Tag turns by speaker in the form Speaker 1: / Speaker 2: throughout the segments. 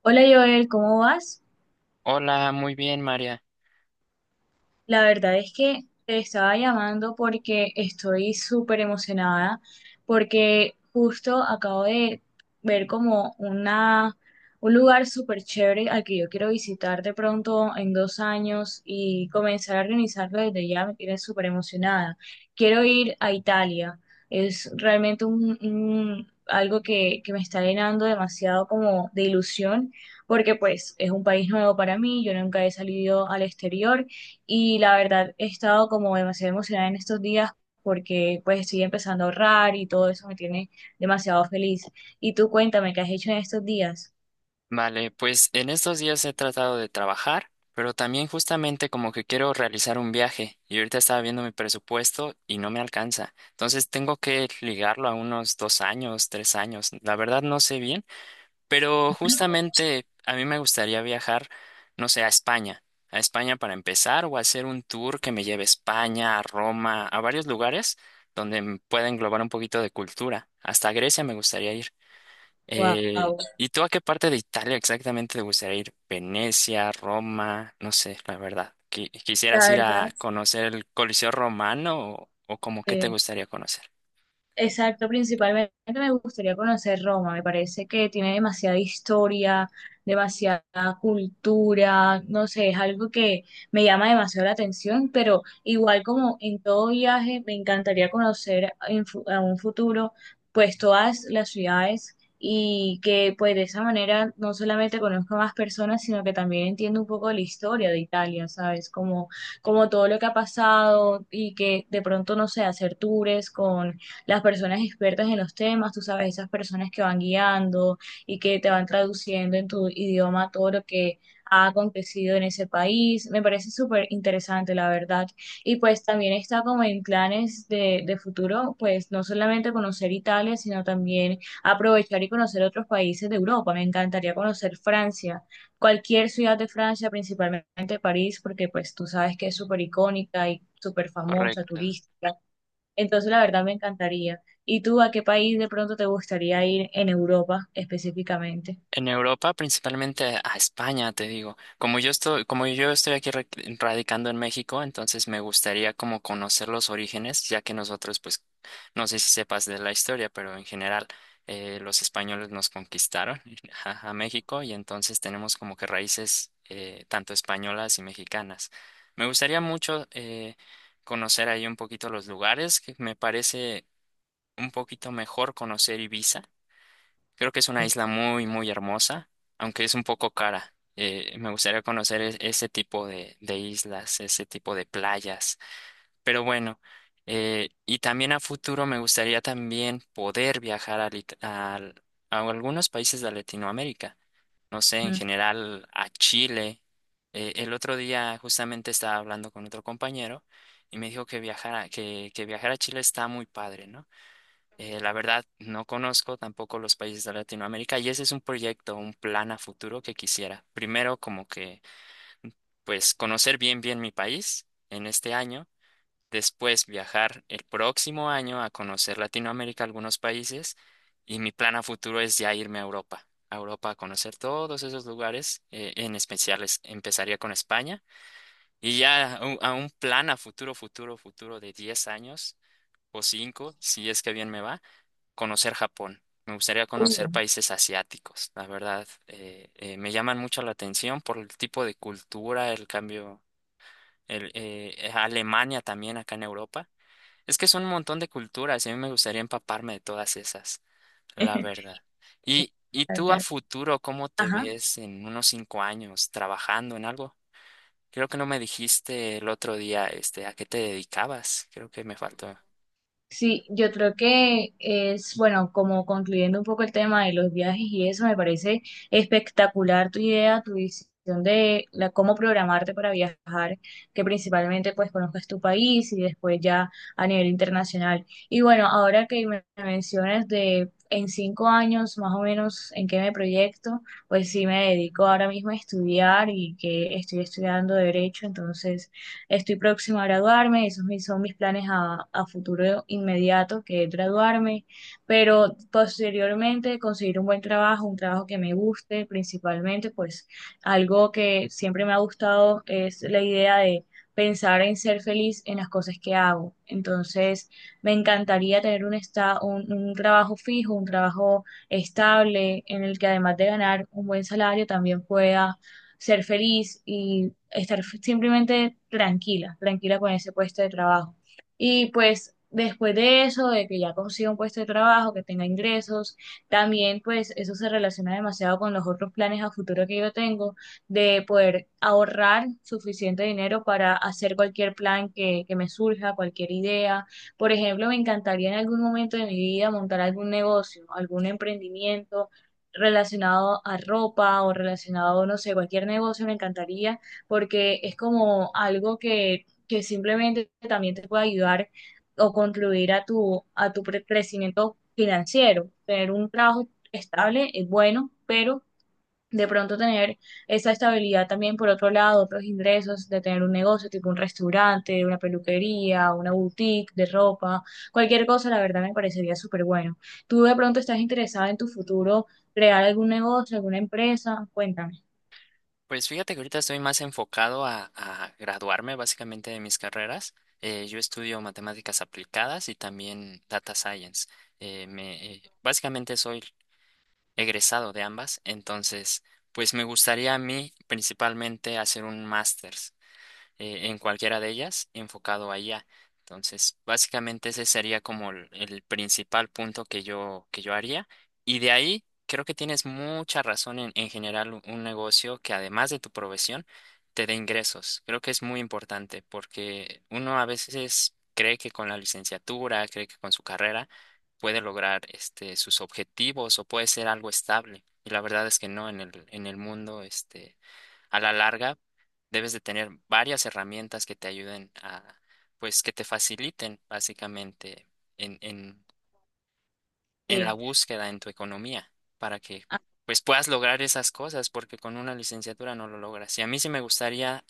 Speaker 1: Hola Joel, ¿cómo vas?
Speaker 2: Hola, muy bien, María.
Speaker 1: La verdad es que te estaba llamando porque estoy súper emocionada, porque justo acabo de ver un lugar súper chévere al que yo quiero visitar de pronto en 2 años y comenzar a organizarlo desde ya, me tiene súper emocionada. Quiero ir a Italia, es realmente algo que me está llenando demasiado como de ilusión, porque pues es un país nuevo para mí, yo nunca he salido al exterior. Y la verdad, he estado como demasiado emocionada en estos días porque pues estoy empezando a ahorrar y todo eso me tiene demasiado feliz. Y tú cuéntame, ¿qué has hecho en estos días?
Speaker 2: Vale, pues en estos días he tratado de trabajar, pero también justamente como que quiero realizar un viaje y ahorita estaba viendo mi presupuesto y no me alcanza. Entonces tengo que ligarlo a unos 2 años, 3 años. La verdad no sé bien, pero justamente a mí me gustaría viajar, no sé, a España. A España para empezar o hacer un tour que me lleve a España, a Roma, a varios lugares donde pueda englobar un poquito de cultura. Hasta Grecia me gustaría ir.
Speaker 1: Wow,
Speaker 2: ¿Y tú a qué parte de Italia exactamente te gustaría ir? Venecia, Roma, no sé, la verdad. ¿Quisieras
Speaker 1: la
Speaker 2: ir a
Speaker 1: verdad.
Speaker 2: conocer el Coliseo Romano o como qué te gustaría conocer?
Speaker 1: Exacto, principalmente me gustaría conocer Roma, me parece que tiene demasiada historia, demasiada cultura, no sé, es algo que me llama demasiado la atención, pero igual como en todo viaje, me encantaría conocer a un futuro pues todas las ciudades y que pues de esa manera no solamente conozco más personas, sino que también entiendo un poco la historia de Italia, ¿sabes? Como todo lo que ha pasado y que de pronto, no sé, hacer tours con las personas expertas en los temas, tú sabes, esas personas que van guiando y que te van traduciendo en tu idioma todo lo que ha acontecido en ese país. Me parece súper interesante, la verdad. Y pues también está como en planes de futuro, pues no solamente conocer Italia, sino también aprovechar y conocer otros países de Europa. Me encantaría conocer Francia, cualquier ciudad de Francia, principalmente París, porque pues tú sabes que es súper icónica y súper famosa,
Speaker 2: Correcto.
Speaker 1: turística. Entonces, la verdad me encantaría. ¿Y tú a qué país de pronto te gustaría ir en Europa específicamente?
Speaker 2: En Europa, principalmente a España, te digo. Como yo estoy aquí radicando en México, entonces me gustaría como conocer los orígenes, ya que nosotros, pues, no sé si sepas de la historia, pero en general los españoles nos conquistaron a México y entonces tenemos como que raíces tanto españolas y mexicanas. Me gustaría mucho conocer ahí un poquito los lugares, que me parece un poquito mejor conocer Ibiza. Creo que es una isla muy, muy hermosa, aunque es un poco cara. Me gustaría conocer ese tipo de islas, ese tipo de playas. Pero bueno, y también a futuro me gustaría también poder viajar a algunos países de Latinoamérica. No sé, en
Speaker 1: Ujú.
Speaker 2: general a Chile. El otro día justamente estaba hablando con otro compañero y me dijo que viajar a Chile está muy padre, ¿no? La verdad, no conozco tampoco los países de Latinoamérica y ese es un proyecto, un plan a futuro que quisiera. Primero, pues, conocer bien, bien mi país en este año. Después, viajar el próximo año a conocer Latinoamérica, algunos países. Y mi plan a futuro es ya irme a Europa, a Europa a conocer todos esos lugares. En especial, empezaría con España. Y ya a un plan a futuro, futuro, futuro de 10 años o 5 si es que bien me va conocer Japón. Me gustaría conocer
Speaker 1: Uh.
Speaker 2: países asiáticos, la verdad. Me llaman mucho la atención por el tipo de cultura, el cambio, Alemania también acá en Europa. Es que son un montón de culturas y a mí me gustaría empaparme de todas esas, la verdad. ¿Y
Speaker 1: Tal,
Speaker 2: tú a
Speaker 1: tal.
Speaker 2: futuro, ¿cómo te
Speaker 1: Ajá.
Speaker 2: ves en unos 5 años trabajando en algo? Creo que no me dijiste el otro día, este, a qué te dedicabas. Creo que me faltó.
Speaker 1: Sí, yo creo que es, bueno, como concluyendo un poco el tema de los viajes y eso, me parece espectacular tu idea, tu visión de la, cómo programarte para viajar, que principalmente pues conozcas tu país y después ya a nivel internacional. Y bueno, ahora que me mencionas de en 5 años más o menos en qué me proyecto, pues sí me dedico ahora mismo a estudiar y que estoy estudiando derecho, entonces estoy próxima a graduarme, esos son mis planes a futuro inmediato, que es graduarme, pero posteriormente conseguir un buen trabajo, un trabajo que me guste principalmente, pues algo que siempre me ha gustado es la idea de pensar en ser feliz en las cosas que hago. Entonces, me encantaría tener un trabajo fijo, un trabajo estable, en el que además de ganar un buen salario también pueda ser feliz y estar simplemente tranquila, tranquila con ese puesto de trabajo. Y pues después de eso, de que ya consiga un puesto de trabajo, que tenga ingresos, también pues eso se relaciona demasiado con los otros planes a futuro que yo tengo, de poder ahorrar suficiente dinero para hacer cualquier plan que me surja, cualquier idea. Por ejemplo, me encantaría en algún momento de mi vida montar algún negocio, algún emprendimiento relacionado a ropa o relacionado, no sé, cualquier negocio, me encantaría, porque es como algo que simplemente también te puede ayudar o contribuir a tu, a tu crecimiento financiero. Tener un trabajo estable es bueno, pero de pronto tener esa estabilidad también por otro lado, otros ingresos, de tener un negocio tipo un restaurante, una peluquería, una boutique de ropa, cualquier cosa, la verdad me parecería súper bueno. ¿Tú de pronto estás interesada en tu futuro crear algún negocio, alguna empresa? Cuéntame.
Speaker 2: Pues fíjate que ahorita estoy más enfocado a graduarme básicamente de mis carreras. Yo estudio matemáticas aplicadas y también data science. Básicamente soy egresado de ambas, entonces pues me gustaría a mí principalmente hacer un máster en cualquiera de ellas enfocado allá. Entonces, básicamente ese sería como el principal punto que que yo haría. Y de ahí, creo que tienes mucha razón en generar un negocio que además de tu profesión, te dé ingresos. Creo que es muy importante porque uno a veces cree que con la licenciatura, cree que con su carrera puede lograr este, sus objetivos o puede ser algo estable. Y la verdad es que no, en en el mundo, este, a la larga debes de tener varias herramientas que te ayuden a, pues, que te faciliten básicamente en, en, en la
Speaker 1: Sí.
Speaker 2: búsqueda en tu economía para que,
Speaker 1: Ah,
Speaker 2: pues, puedas lograr esas cosas, porque con una licenciatura no lo logras. Y a mí sí me gustaría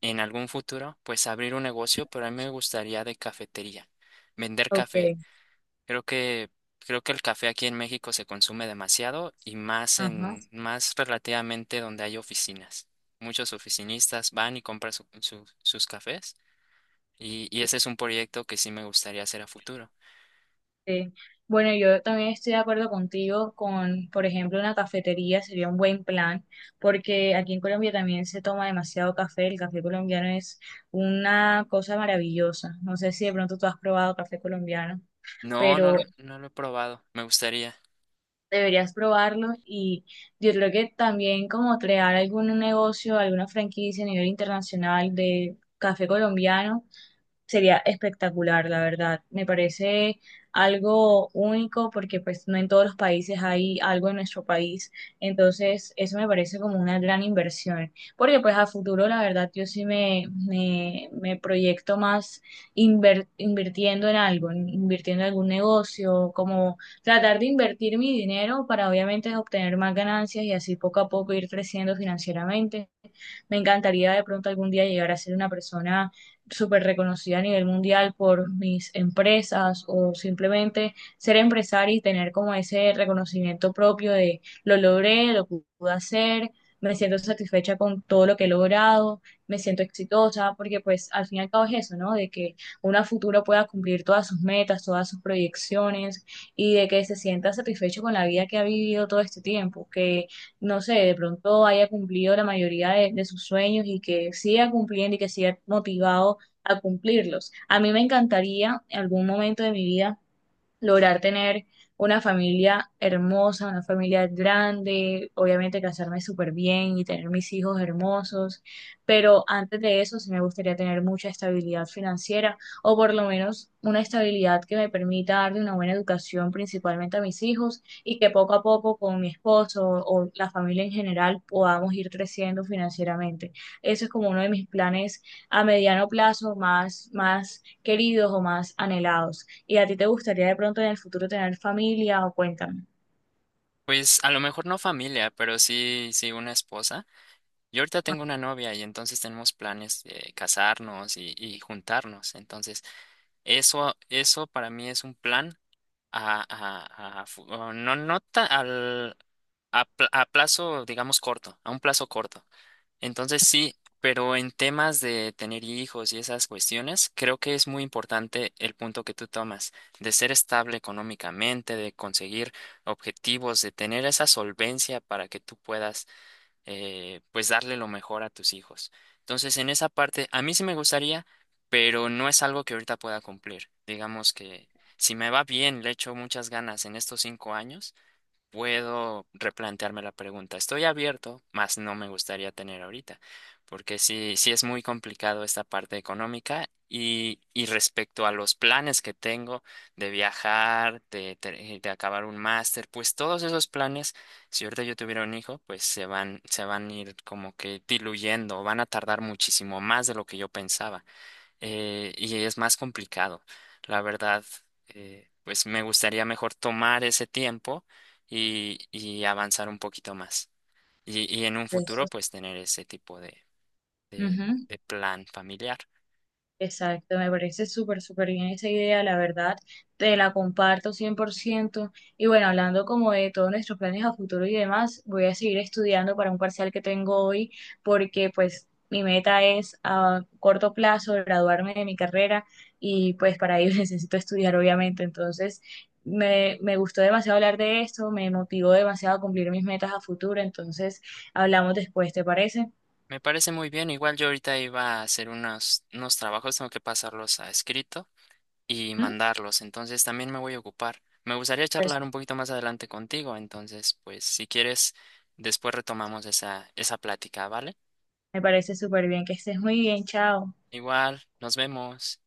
Speaker 2: en algún futuro, pues, abrir un negocio, pero a mí me gustaría de cafetería, vender café.
Speaker 1: ok.
Speaker 2: Creo que, Creo que el café aquí en México se consume demasiado y más
Speaker 1: Ajá.
Speaker 2: en, más relativamente donde hay oficinas. Muchos oficinistas van y compran sus cafés y ese es un proyecto que sí me gustaría hacer a futuro.
Speaker 1: Sí. Bueno, yo también estoy de acuerdo contigo con, por ejemplo, una cafetería sería un buen plan, porque aquí en Colombia también se toma demasiado café. El café colombiano es una cosa maravillosa. No sé si de pronto tú has probado café colombiano,
Speaker 2: No, no,
Speaker 1: pero
Speaker 2: no lo he probado, me gustaría.
Speaker 1: deberías probarlo y yo creo que también como crear algún negocio, alguna franquicia a nivel internacional de café colombiano sería espectacular, la verdad. Me parece algo único porque pues no en todos los países hay algo en nuestro país. Entonces, eso me parece como una gran inversión. Porque pues a futuro, la verdad, yo sí me proyecto más invirtiendo en algo, invirtiendo en algún negocio, como tratar de invertir mi dinero para obviamente obtener más ganancias y así poco a poco ir creciendo financieramente. Me encantaría de pronto algún día llegar a ser una persona súper reconocida a nivel mundial por mis empresas o simplemente ser empresaria y tener como ese reconocimiento propio de lo logré, lo pude hacer, me siento satisfecha con todo lo que he logrado, me siento exitosa, porque pues al fin y al cabo es eso, ¿no? De que una futura pueda cumplir todas sus metas, todas sus proyecciones y de que se sienta satisfecho con la vida que ha vivido todo este tiempo, que no sé, de pronto haya cumplido la mayoría de sus sueños y que siga cumpliendo y que siga motivado a cumplirlos. A mí me encantaría en algún momento de mi vida lograr tener una familia hermosa, una familia grande, obviamente casarme súper bien y tener mis hijos hermosos, pero antes de eso sí me gustaría tener mucha estabilidad financiera o por lo menos una estabilidad que me permita darle una buena educación principalmente a mis hijos y que poco a poco con mi esposo o la familia en general podamos ir creciendo financieramente. Eso es como uno de mis planes a mediano plazo más queridos o más anhelados. ¿Y a ti te gustaría de pronto en el futuro tener familia o cuéntame?
Speaker 2: Pues a lo mejor no familia, pero sí, sí una esposa. Yo ahorita
Speaker 1: Ah,
Speaker 2: tengo una novia y entonces tenemos planes de casarnos y juntarnos. Entonces, eso para mí es un plan a fu- o no, no ta- al, a, pl- a plazo, digamos, corto, a un plazo corto. Entonces sí, pero en temas de tener hijos y esas cuestiones, creo que es muy importante el punto que tú tomas, de ser estable económicamente, de conseguir objetivos, de tener esa solvencia para que tú puedas pues darle lo mejor a tus hijos. Entonces, en esa parte, a mí sí me gustaría, pero no es algo que ahorita pueda cumplir. Digamos que si me va bien, le echo muchas ganas en estos 5 años puedo replantearme la pregunta. Estoy abierto, mas no me gustaría tener ahorita, porque sí, sí es muy complicado esta parte económica y respecto a los planes que tengo de viajar, de acabar un máster, pues todos esos planes, si ahorita yo tuviera un hijo, pues se van a ir como que diluyendo, van a tardar muchísimo más de lo que yo pensaba y es más complicado. La verdad, pues me gustaría mejor tomar ese tiempo y avanzar un poquito más. Y en un
Speaker 1: de eso.
Speaker 2: futuro, pues tener ese tipo de,
Speaker 1: Ujú.
Speaker 2: de plan familiar.
Speaker 1: Exacto, me parece súper, súper bien esa idea, la verdad, te la comparto 100%. Y bueno, hablando como de todos nuestros planes a futuro y demás, voy a seguir estudiando para un parcial que tengo hoy, porque pues mi meta es a corto plazo graduarme de mi carrera y pues para ello necesito estudiar, obviamente. Entonces, me gustó demasiado hablar de esto, me motivó demasiado a cumplir mis metas a futuro, entonces hablamos después, ¿te parece?
Speaker 2: Me parece muy bien. Igual yo ahorita iba a hacer unos trabajos, tengo que pasarlos a escrito y
Speaker 1: ¿Mm?
Speaker 2: mandarlos. Entonces también me voy a ocupar. Me gustaría
Speaker 1: Pues,
Speaker 2: charlar un poquito más adelante contigo. Entonces, pues si quieres, después retomamos esa plática, ¿vale?
Speaker 1: me parece súper bien, que estés muy bien, chao.
Speaker 2: Igual, nos vemos.